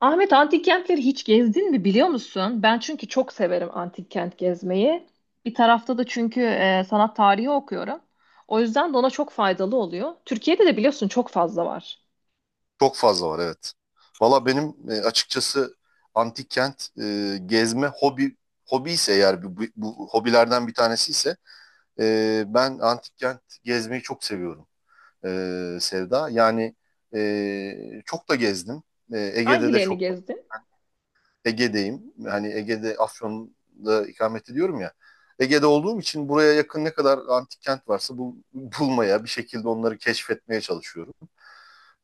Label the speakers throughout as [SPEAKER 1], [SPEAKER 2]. [SPEAKER 1] Ahmet, antik kentleri hiç gezdin mi, biliyor musun? Ben çünkü çok severim antik kent gezmeyi. Bir tarafta da çünkü sanat tarihi okuyorum. O yüzden de ona çok faydalı oluyor. Türkiye'de de biliyorsun çok fazla var.
[SPEAKER 2] Çok fazla var, evet. Valla benim açıkçası antik kent gezme hobi ise, eğer bu, bu hobilerden bir tanesi ise, ben antik kent gezmeyi çok seviyorum, Sevda. Yani çok da gezdim. E, Ege'de de
[SPEAKER 1] Hangilerini
[SPEAKER 2] çok var.
[SPEAKER 1] gezdin?
[SPEAKER 2] Ege'deyim. Hani Ege'de Afyon'da ikamet ediyorum ya. Ege'de olduğum için buraya yakın ne kadar antik kent varsa bulmaya, bir şekilde onları keşfetmeye çalışıyorum.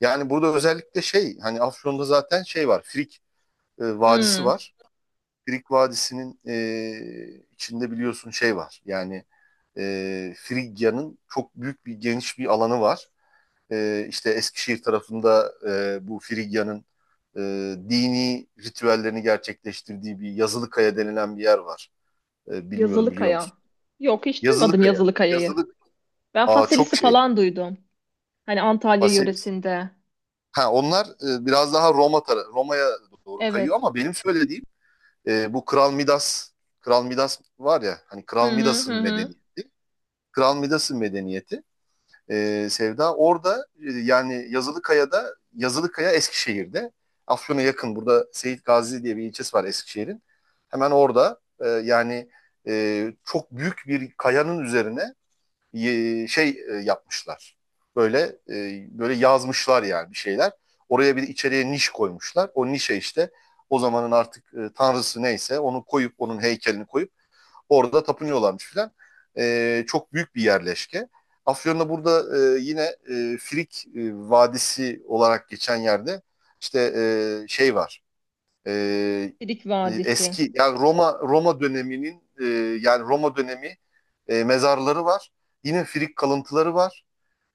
[SPEAKER 2] Yani burada özellikle şey, hani Afyon'da zaten şey var. Frik Vadisi
[SPEAKER 1] Hmm.
[SPEAKER 2] var. Frik Vadisi'nin içinde biliyorsun şey var. Yani Frigya'nın çok büyük bir geniş bir alanı var. E, işte Eskişehir tarafında bu Frigya'nın e, dini ritüellerini gerçekleştirdiği bir Yazılıkaya denilen bir yer var. E, bilmiyorum, biliyor
[SPEAKER 1] Yazılıkaya.
[SPEAKER 2] musun?
[SPEAKER 1] Yok, hiç duymadım
[SPEAKER 2] Yazılıkaya.
[SPEAKER 1] Yazılıkaya'yı.
[SPEAKER 2] Yazılık.
[SPEAKER 1] Ben
[SPEAKER 2] Aa, çok
[SPEAKER 1] Faselis'i
[SPEAKER 2] şey.
[SPEAKER 1] falan duydum. Hani Antalya
[SPEAKER 2] Baselis.
[SPEAKER 1] yöresinde.
[SPEAKER 2] Ha, onlar biraz daha Roma'ya doğru kayıyor,
[SPEAKER 1] Evet.
[SPEAKER 2] ama benim söylediğim, E, bu Kral Midas, Kral Midas var ya, hani
[SPEAKER 1] Hı
[SPEAKER 2] Kral
[SPEAKER 1] hı
[SPEAKER 2] Midas'ın
[SPEAKER 1] hı hı.
[SPEAKER 2] medeniyeti. Kral Midas'ın medeniyeti, Sevda, orada, yani Yazılıkaya'da, Yazılıkaya Eskişehir'de, Afyon'a yakın, burada Seyit Gazi diye bir ilçesi var Eskişehir'in. Hemen orada, yani çok büyük bir kayanın üzerine şey, yapmışlar. Böyle böyle yazmışlar, yani bir şeyler. Oraya bir içeriye niş koymuşlar. O nişe işte o zamanın artık tanrısı neyse onu koyup, onun heykelini koyup orada tapınıyorlarmış filan. E, çok büyük bir yerleşke. Afyon'da burada yine Frik Vadisi olarak geçen yerde işte şey var. Ee,
[SPEAKER 1] Sidik
[SPEAKER 2] e,
[SPEAKER 1] Vadisi.
[SPEAKER 2] eski, yani Roma döneminin, yani Roma dönemi mezarları var. Yine Frig kalıntıları var.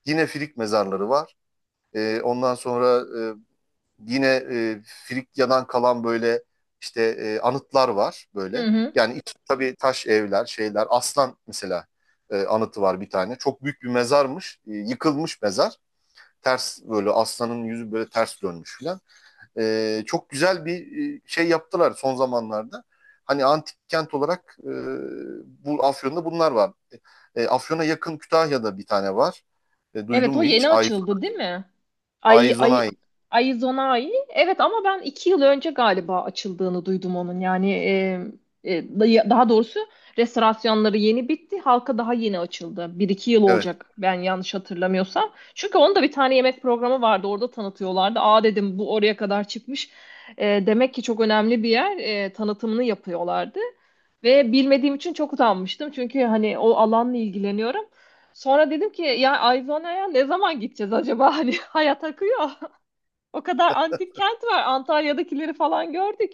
[SPEAKER 2] Yine Frig mezarları var. Ondan sonra e, yine Frigyadan kalan böyle işte anıtlar var
[SPEAKER 1] Hı
[SPEAKER 2] böyle.
[SPEAKER 1] hı.
[SPEAKER 2] Yani iç, tabii taş evler, şeyler. Aslan mesela anıtı var bir tane. Çok büyük bir mezarmış. E, yıkılmış mezar. Ters, böyle aslanın yüzü böyle ters dönmüş falan. Çok güzel bir şey yaptılar son zamanlarda. Hani antik kent olarak, bu Afyon'da bunlar var. E, Afyon'a yakın Kütahya'da bir tane var. E, duydun
[SPEAKER 1] Evet, o
[SPEAKER 2] mu hiç?
[SPEAKER 1] yeni açıldı değil mi? Ay,
[SPEAKER 2] Aizonay.
[SPEAKER 1] ay, Arizona ayı. Evet, ama ben 2 yıl önce galiba açıldığını duydum onun. Daha doğrusu restorasyonları yeni bitti. Halka daha yeni açıldı. 1-2 yıl
[SPEAKER 2] Evet.
[SPEAKER 1] olacak ben yanlış hatırlamıyorsam. Çünkü onun da bir tane yemek programı vardı. Orada tanıtıyorlardı. Aa, dedim, bu oraya kadar çıkmış. Demek ki çok önemli bir yer. Tanıtımını yapıyorlardı. Ve bilmediğim için çok utanmıştım. Çünkü hani o alanla ilgileniyorum. Sonra dedim ki, ya Arizona'ya ne zaman gideceğiz acaba? Hani hayat akıyor. O kadar antik kent var. Antalya'dakileri falan gördük.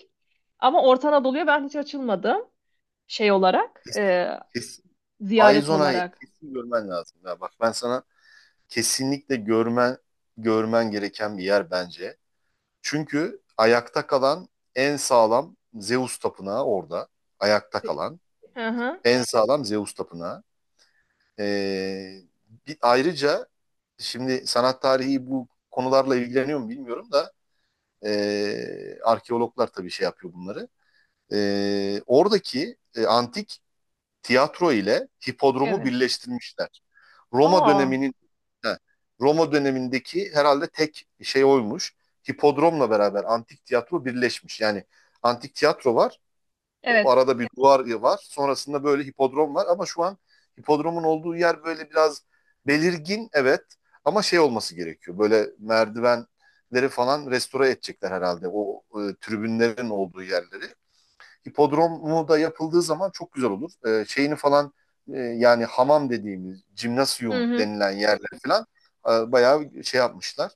[SPEAKER 1] Ama Orta Anadolu'ya ben hiç açılmadım. Şey olarak,
[SPEAKER 2] Kesin,
[SPEAKER 1] ziyaret
[SPEAKER 2] Aizonay
[SPEAKER 1] olarak.
[SPEAKER 2] kesin görmen lazım. Ya bak, ben sana kesinlikle görmen gereken bir yer bence. Çünkü ayakta kalan en sağlam Zeus tapınağı orada. Ayakta kalan
[SPEAKER 1] Hı hı.
[SPEAKER 2] en sağlam Zeus tapınağı. Ee, ayrıca şimdi sanat tarihi bu konularla ilgileniyor mu bilmiyorum da, arkeologlar tabii şey yapıyor bunları. Oradaki antik tiyatro ile hipodromu
[SPEAKER 1] Evet.
[SPEAKER 2] birleştirmişler. Roma
[SPEAKER 1] Aa,
[SPEAKER 2] döneminin, he, Roma dönemindeki herhalde tek şey oymuş. Hipodromla beraber antik tiyatro birleşmiş. Yani antik tiyatro var. O
[SPEAKER 1] evet.
[SPEAKER 2] arada bir duvar var. Sonrasında böyle hipodrom var, ama şu an hipodromun olduğu yer böyle biraz belirgin, evet, ama şey olması gerekiyor. Böyle merdivenleri falan restore edecekler herhalde, o tribünlerin olduğu yerleri. Hipodromu da yapıldığı zaman çok güzel olur. E, şeyini falan, yani hamam dediğimiz
[SPEAKER 1] Hı
[SPEAKER 2] jimnasyum
[SPEAKER 1] hı.
[SPEAKER 2] denilen yerler falan bayağı şey yapmışlar.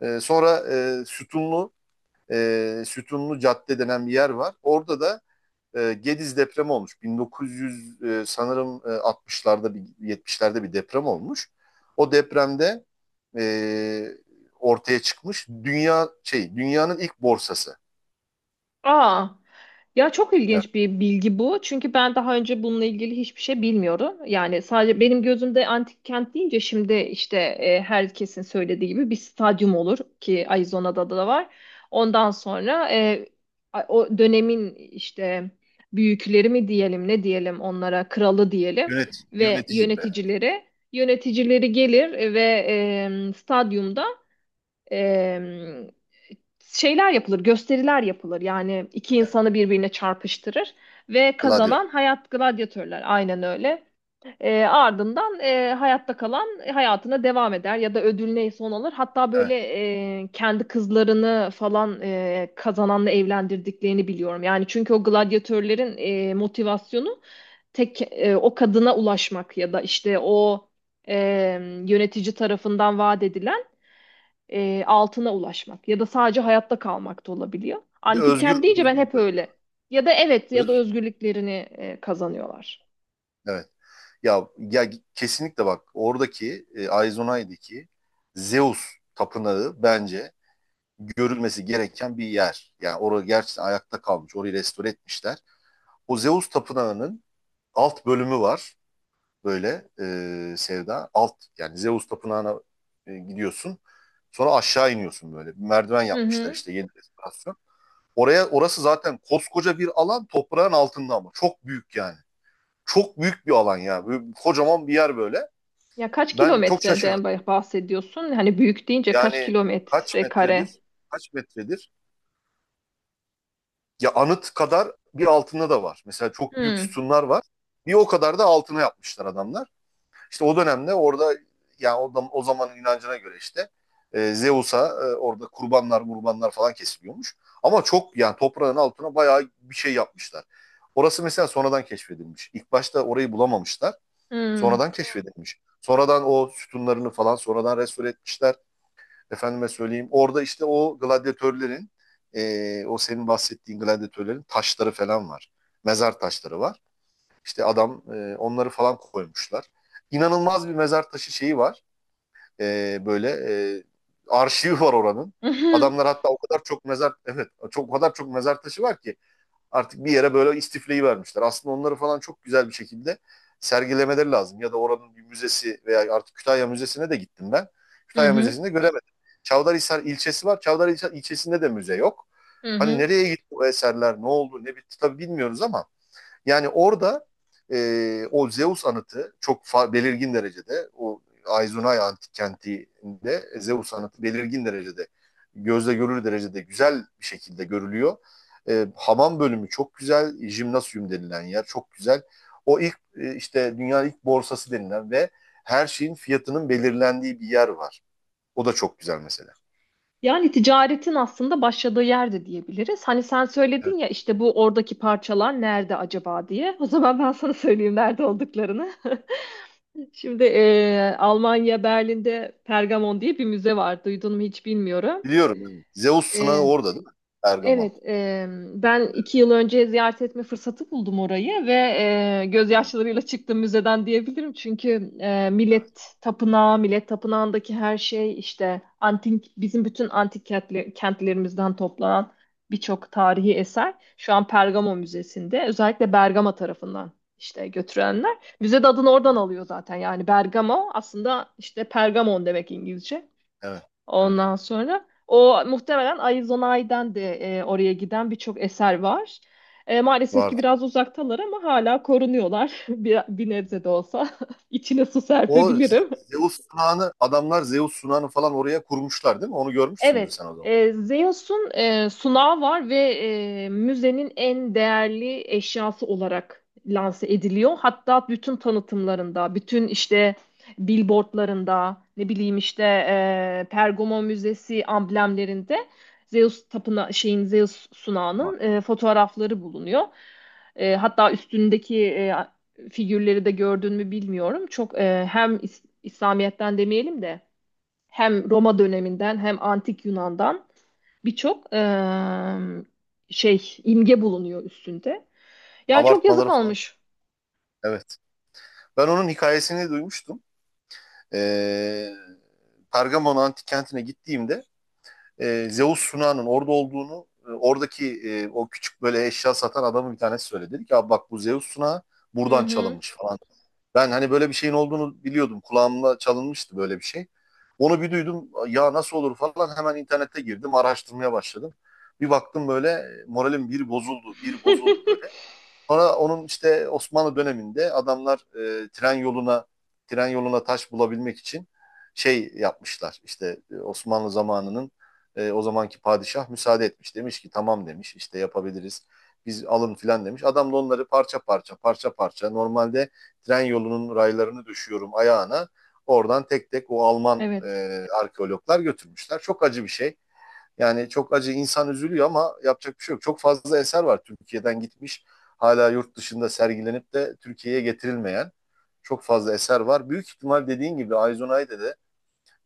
[SPEAKER 2] Sonra e, sütunlu sütunlu cadde denen bir yer var. Orada da Gediz depremi olmuş. 1900 sanırım 60'larda bir, 70'lerde bir deprem olmuş. O depremde e, ortaya çıkmış dünya şey, dünyanın ilk borsası.
[SPEAKER 1] Aa. Ya, çok
[SPEAKER 2] Evet.
[SPEAKER 1] ilginç bir bilgi bu. Çünkü ben daha önce bununla ilgili hiçbir şey bilmiyorum. Yani sadece benim gözümde antik kent deyince şimdi işte, herkesin söylediği gibi bir stadyum olur ki Arizona'da da var. Ondan sonra o dönemin işte büyükleri mi diyelim, ne diyelim, onlara kralı diyelim
[SPEAKER 2] Yönet,
[SPEAKER 1] ve
[SPEAKER 2] yöneticileri.
[SPEAKER 1] yöneticileri, gelir ve stadyumda e, şeyler yapılır, gösteriler yapılır. Yani iki
[SPEAKER 2] Evet.
[SPEAKER 1] insanı birbirine çarpıştırır ve
[SPEAKER 2] Gladiator.
[SPEAKER 1] kazanan hayat gladyatörler. Aynen öyle. Ardından hayatta kalan hayatına devam eder ya da ödül neyse onu alır. Hatta böyle
[SPEAKER 2] Evet.
[SPEAKER 1] kendi kızlarını falan kazananla evlendirdiklerini biliyorum. Yani çünkü o gladyatörlerin motivasyonu tek, o kadına ulaşmak ya da işte e, yönetici tarafından vaat edilen altına ulaşmak ya da sadece hayatta kalmak da olabiliyor.
[SPEAKER 2] Bir de
[SPEAKER 1] Antik
[SPEAKER 2] özgür
[SPEAKER 1] kent deyince ben
[SPEAKER 2] özgür
[SPEAKER 1] hep
[SPEAKER 2] bırak.
[SPEAKER 1] öyle. Ya da evet, ya da özgürlüklerini kazanıyorlar.
[SPEAKER 2] Evet. Ya ya kesinlikle, bak oradaki Aizonay'daki Zeus tapınağı bence görülmesi gereken bir yer. Yani orada gerçekten ayakta kalmış. Orayı restore etmişler. O Zeus Tapınağı'nın alt bölümü var böyle, Sevda. Alt, yani Zeus Tapınağı'na gidiyorsun. Sonra aşağı iniyorsun böyle. Bir merdiven
[SPEAKER 1] Hı
[SPEAKER 2] yapmışlar
[SPEAKER 1] hı.
[SPEAKER 2] işte, yeni restorasyon. Oraya, orası zaten koskoca bir alan toprağın altında, ama çok büyük yani. Çok büyük bir alan ya. Böyle kocaman bir yer böyle.
[SPEAKER 1] Ya kaç
[SPEAKER 2] Ben çok
[SPEAKER 1] kilometreden
[SPEAKER 2] şaşırdım.
[SPEAKER 1] bahsediyorsun? Hani büyük deyince kaç
[SPEAKER 2] Yani kaç
[SPEAKER 1] kilometre kare?
[SPEAKER 2] metredir? Kaç metredir? Ya anıt kadar bir altında da var. Mesela
[SPEAKER 1] Hı
[SPEAKER 2] çok büyük
[SPEAKER 1] hı.
[SPEAKER 2] sütunlar var. Bir o kadar da altına yapmışlar adamlar. İşte o dönemde orada, yani o, o zamanın inancına göre işte Zeus'a, orada kurbanlar falan kesiliyormuş. Ama çok, yani toprağın altına bayağı bir şey yapmışlar. Orası mesela sonradan keşfedilmiş. İlk başta orayı bulamamışlar. Sonradan keşfedilmiş. Sonradan o sütunlarını falan sonradan restore etmişler. Efendime söyleyeyim. Orada işte o gladyatörlerin, o senin bahsettiğin gladyatörlerin taşları falan var. Mezar taşları var. İşte adam onları falan koymuşlar. İnanılmaz bir mezar taşı şeyi var. Böyle e, arşivi var oranın.
[SPEAKER 1] Hı hı.
[SPEAKER 2] Adamlar hatta o kadar çok mezar, evet, çok, o kadar çok mezar taşı var ki artık bir yere böyle istifleyi vermişler. Aslında onları falan çok güzel bir şekilde sergilemeleri lazım. Ya da oranın bir müzesi, veya artık Kütahya Müzesi'ne de gittim ben.
[SPEAKER 1] Hı
[SPEAKER 2] Kütahya
[SPEAKER 1] hı.
[SPEAKER 2] Müzesi'nde göremedim. Çavdarhisar ilçesi var. Çavdarhisar ilçesinde de müze yok.
[SPEAKER 1] Hı
[SPEAKER 2] Hani
[SPEAKER 1] hı.
[SPEAKER 2] nereye gitti bu eserler, ne oldu, ne bitti, tabii bilmiyoruz, ama yani orada o Zeus anıtı çok belirgin derecede, o Aizunay antik kentinde Zeus anıtı belirgin derecede, gözle görülür derecede güzel bir şekilde görülüyor. E, hamam bölümü çok güzel, jimnasyum denilen yer çok güzel. O ilk, işte dünyanın ilk borsası denilen ve her şeyin fiyatının belirlendiği bir yer var. O da çok güzel mesela.
[SPEAKER 1] Yani ticaretin aslında başladığı yerde diyebiliriz. Hani sen
[SPEAKER 2] Evet.
[SPEAKER 1] söyledin ya, işte bu oradaki parçalar nerede acaba diye. O zaman ben sana söyleyeyim nerede olduklarını. Şimdi Almanya, Berlin'de Pergamon diye bir müze var. Duydun mu hiç, bilmiyorum.
[SPEAKER 2] Biliyorum, yani. Zeus sunağı
[SPEAKER 1] E,
[SPEAKER 2] orada değil mi? Ergamon.
[SPEAKER 1] Evet. Ben iki yıl önce ziyaret etme fırsatı buldum orayı ve
[SPEAKER 2] Hadi ya.
[SPEAKER 1] gözyaşlarıyla çıktım müzeden diyebilirim. Çünkü
[SPEAKER 2] Evet.
[SPEAKER 1] Millet Tapınağı, Millet Tapınağı'ndaki her şey işte antik, bizim bütün kentlerimizden toplanan birçok tarihi eser şu an Pergamo Müzesi'nde. Özellikle Bergama tarafından işte götürenler. Müze de adını oradan alıyor zaten. Yani Bergamo aslında işte Pergamon demek, İngilizce.
[SPEAKER 2] Evet. Evet.
[SPEAKER 1] Ondan sonra o muhtemelen Arizona'dan de oraya giden birçok eser var. Maalesef ki
[SPEAKER 2] Vardı.
[SPEAKER 1] biraz uzaktalar ama hala korunuyorlar bir, bir nebze de olsa. İçine su
[SPEAKER 2] O Ze-
[SPEAKER 1] serpebilirim.
[SPEAKER 2] Zeus sunağını adamlar, Zeus sunağını falan oraya kurmuşlar değil mi? Onu görmüşsündür
[SPEAKER 1] Evet,
[SPEAKER 2] sen o zaman.
[SPEAKER 1] Zeus'un sunağı var ve müzenin en değerli eşyası olarak lanse ediliyor. Hatta bütün tanıtımlarında, bütün işte billboardlarında, ne bileyim işte, Pergamon Müzesi amblemlerinde Zeus tapına şeyin Zeus sunağının
[SPEAKER 2] Bak,
[SPEAKER 1] fotoğrafları bulunuyor. Hatta üstündeki figürleri de gördün mü bilmiyorum. Çok hem İslamiyet'ten demeyelim de hem Roma döneminden hem antik Yunan'dan birçok şey, imge bulunuyor üstünde. Ya çok yazık
[SPEAKER 2] kabartmaları falan.
[SPEAKER 1] olmuş.
[SPEAKER 2] Evet. Ben onun hikayesini duymuştum. Ee, Pergamon antik kentine gittiğimde Zeus sunağının orada olduğunu, oradaki o küçük böyle eşya satan adamı bir tanesi söyledi. Dedi ki, abi bak, bu Zeus sunağı
[SPEAKER 1] Hı
[SPEAKER 2] buradan
[SPEAKER 1] hı.
[SPEAKER 2] çalınmış falan. Ben hani böyle bir şeyin olduğunu biliyordum. Kulağımda çalınmıştı böyle bir şey. Onu bir duydum. Ya nasıl olur falan, hemen internete girdim. Araştırmaya başladım. Bir baktım, böyle moralim bir bozuldu. Bir bozuldu böyle. Sonra onun işte Osmanlı döneminde adamlar, e, tren yoluna tren yoluna taş bulabilmek için şey yapmışlar. İşte Osmanlı zamanının o zamanki padişah müsaade etmiş. Demiş ki tamam, demiş işte, yapabiliriz. Biz alın filan demiş. Adam da onları parça parça normalde tren yolunun raylarını düşüyorum ayağına. Oradan tek tek o Alman
[SPEAKER 1] Evet.
[SPEAKER 2] arkeologlar götürmüşler. Çok acı bir şey. Yani çok acı, insan üzülüyor, ama yapacak bir şey yok. Çok fazla eser var Türkiye'den gitmiş. Hala yurt dışında sergilenip de Türkiye'ye getirilmeyen çok fazla eser var. Büyük ihtimal dediğin gibi Aizunay'da da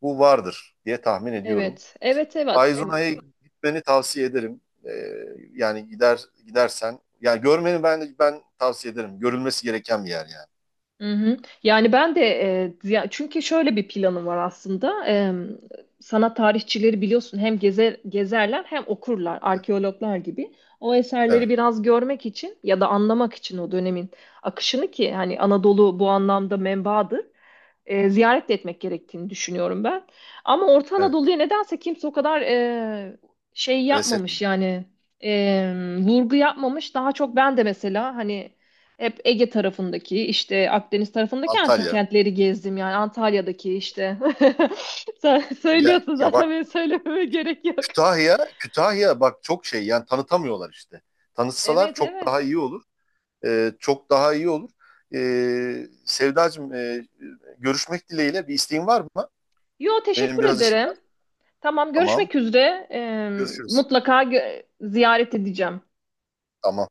[SPEAKER 2] bu vardır diye tahmin ediyorum.
[SPEAKER 1] Evet. Evet, evet.
[SPEAKER 2] Aizunay'a gitmeni tavsiye ederim. Yani gider, gidersen, yani görmeni ben tavsiye ederim. Görülmesi gereken bir yer yani.
[SPEAKER 1] Hı hı. Yani ben de çünkü şöyle bir planım var aslında. Sanat tarihçileri biliyorsun hem gezer, gezerler hem okurlar, arkeologlar gibi. O
[SPEAKER 2] Evet,
[SPEAKER 1] eserleri biraz görmek için ya da anlamak için o dönemin akışını, ki hani Anadolu bu anlamda menbaadır, ziyaret de etmek gerektiğini düşünüyorum ben. Ama Orta
[SPEAKER 2] evet.
[SPEAKER 1] Anadolu'ya nedense kimse o kadar şey
[SPEAKER 2] Heves etme.
[SPEAKER 1] yapmamış yani, e, vurgu yapmamış. Daha çok ben de mesela hani hep Ege tarafındaki işte Akdeniz tarafındaki antik
[SPEAKER 2] Antalya.
[SPEAKER 1] kentleri gezdim, yani Antalya'daki işte. Sen
[SPEAKER 2] Ya,
[SPEAKER 1] söylüyorsun
[SPEAKER 2] ya bak,
[SPEAKER 1] zaten, benim söylememe gerek yok.
[SPEAKER 2] Kütahya bak çok şey, yani tanıtamıyorlar işte. Tanıtsalar
[SPEAKER 1] Evet,
[SPEAKER 2] çok
[SPEAKER 1] evet.
[SPEAKER 2] daha iyi olur. Çok daha iyi olur. Sevdacığım, görüşmek dileğiyle, bir isteğin var mı?
[SPEAKER 1] Yo,
[SPEAKER 2] Benim
[SPEAKER 1] teşekkür
[SPEAKER 2] biraz işim var.
[SPEAKER 1] ederim. Tamam,
[SPEAKER 2] Tamam.
[SPEAKER 1] görüşmek üzere.
[SPEAKER 2] Görüşürüz.
[SPEAKER 1] Mutlaka ziyaret edeceğim.
[SPEAKER 2] Tamam.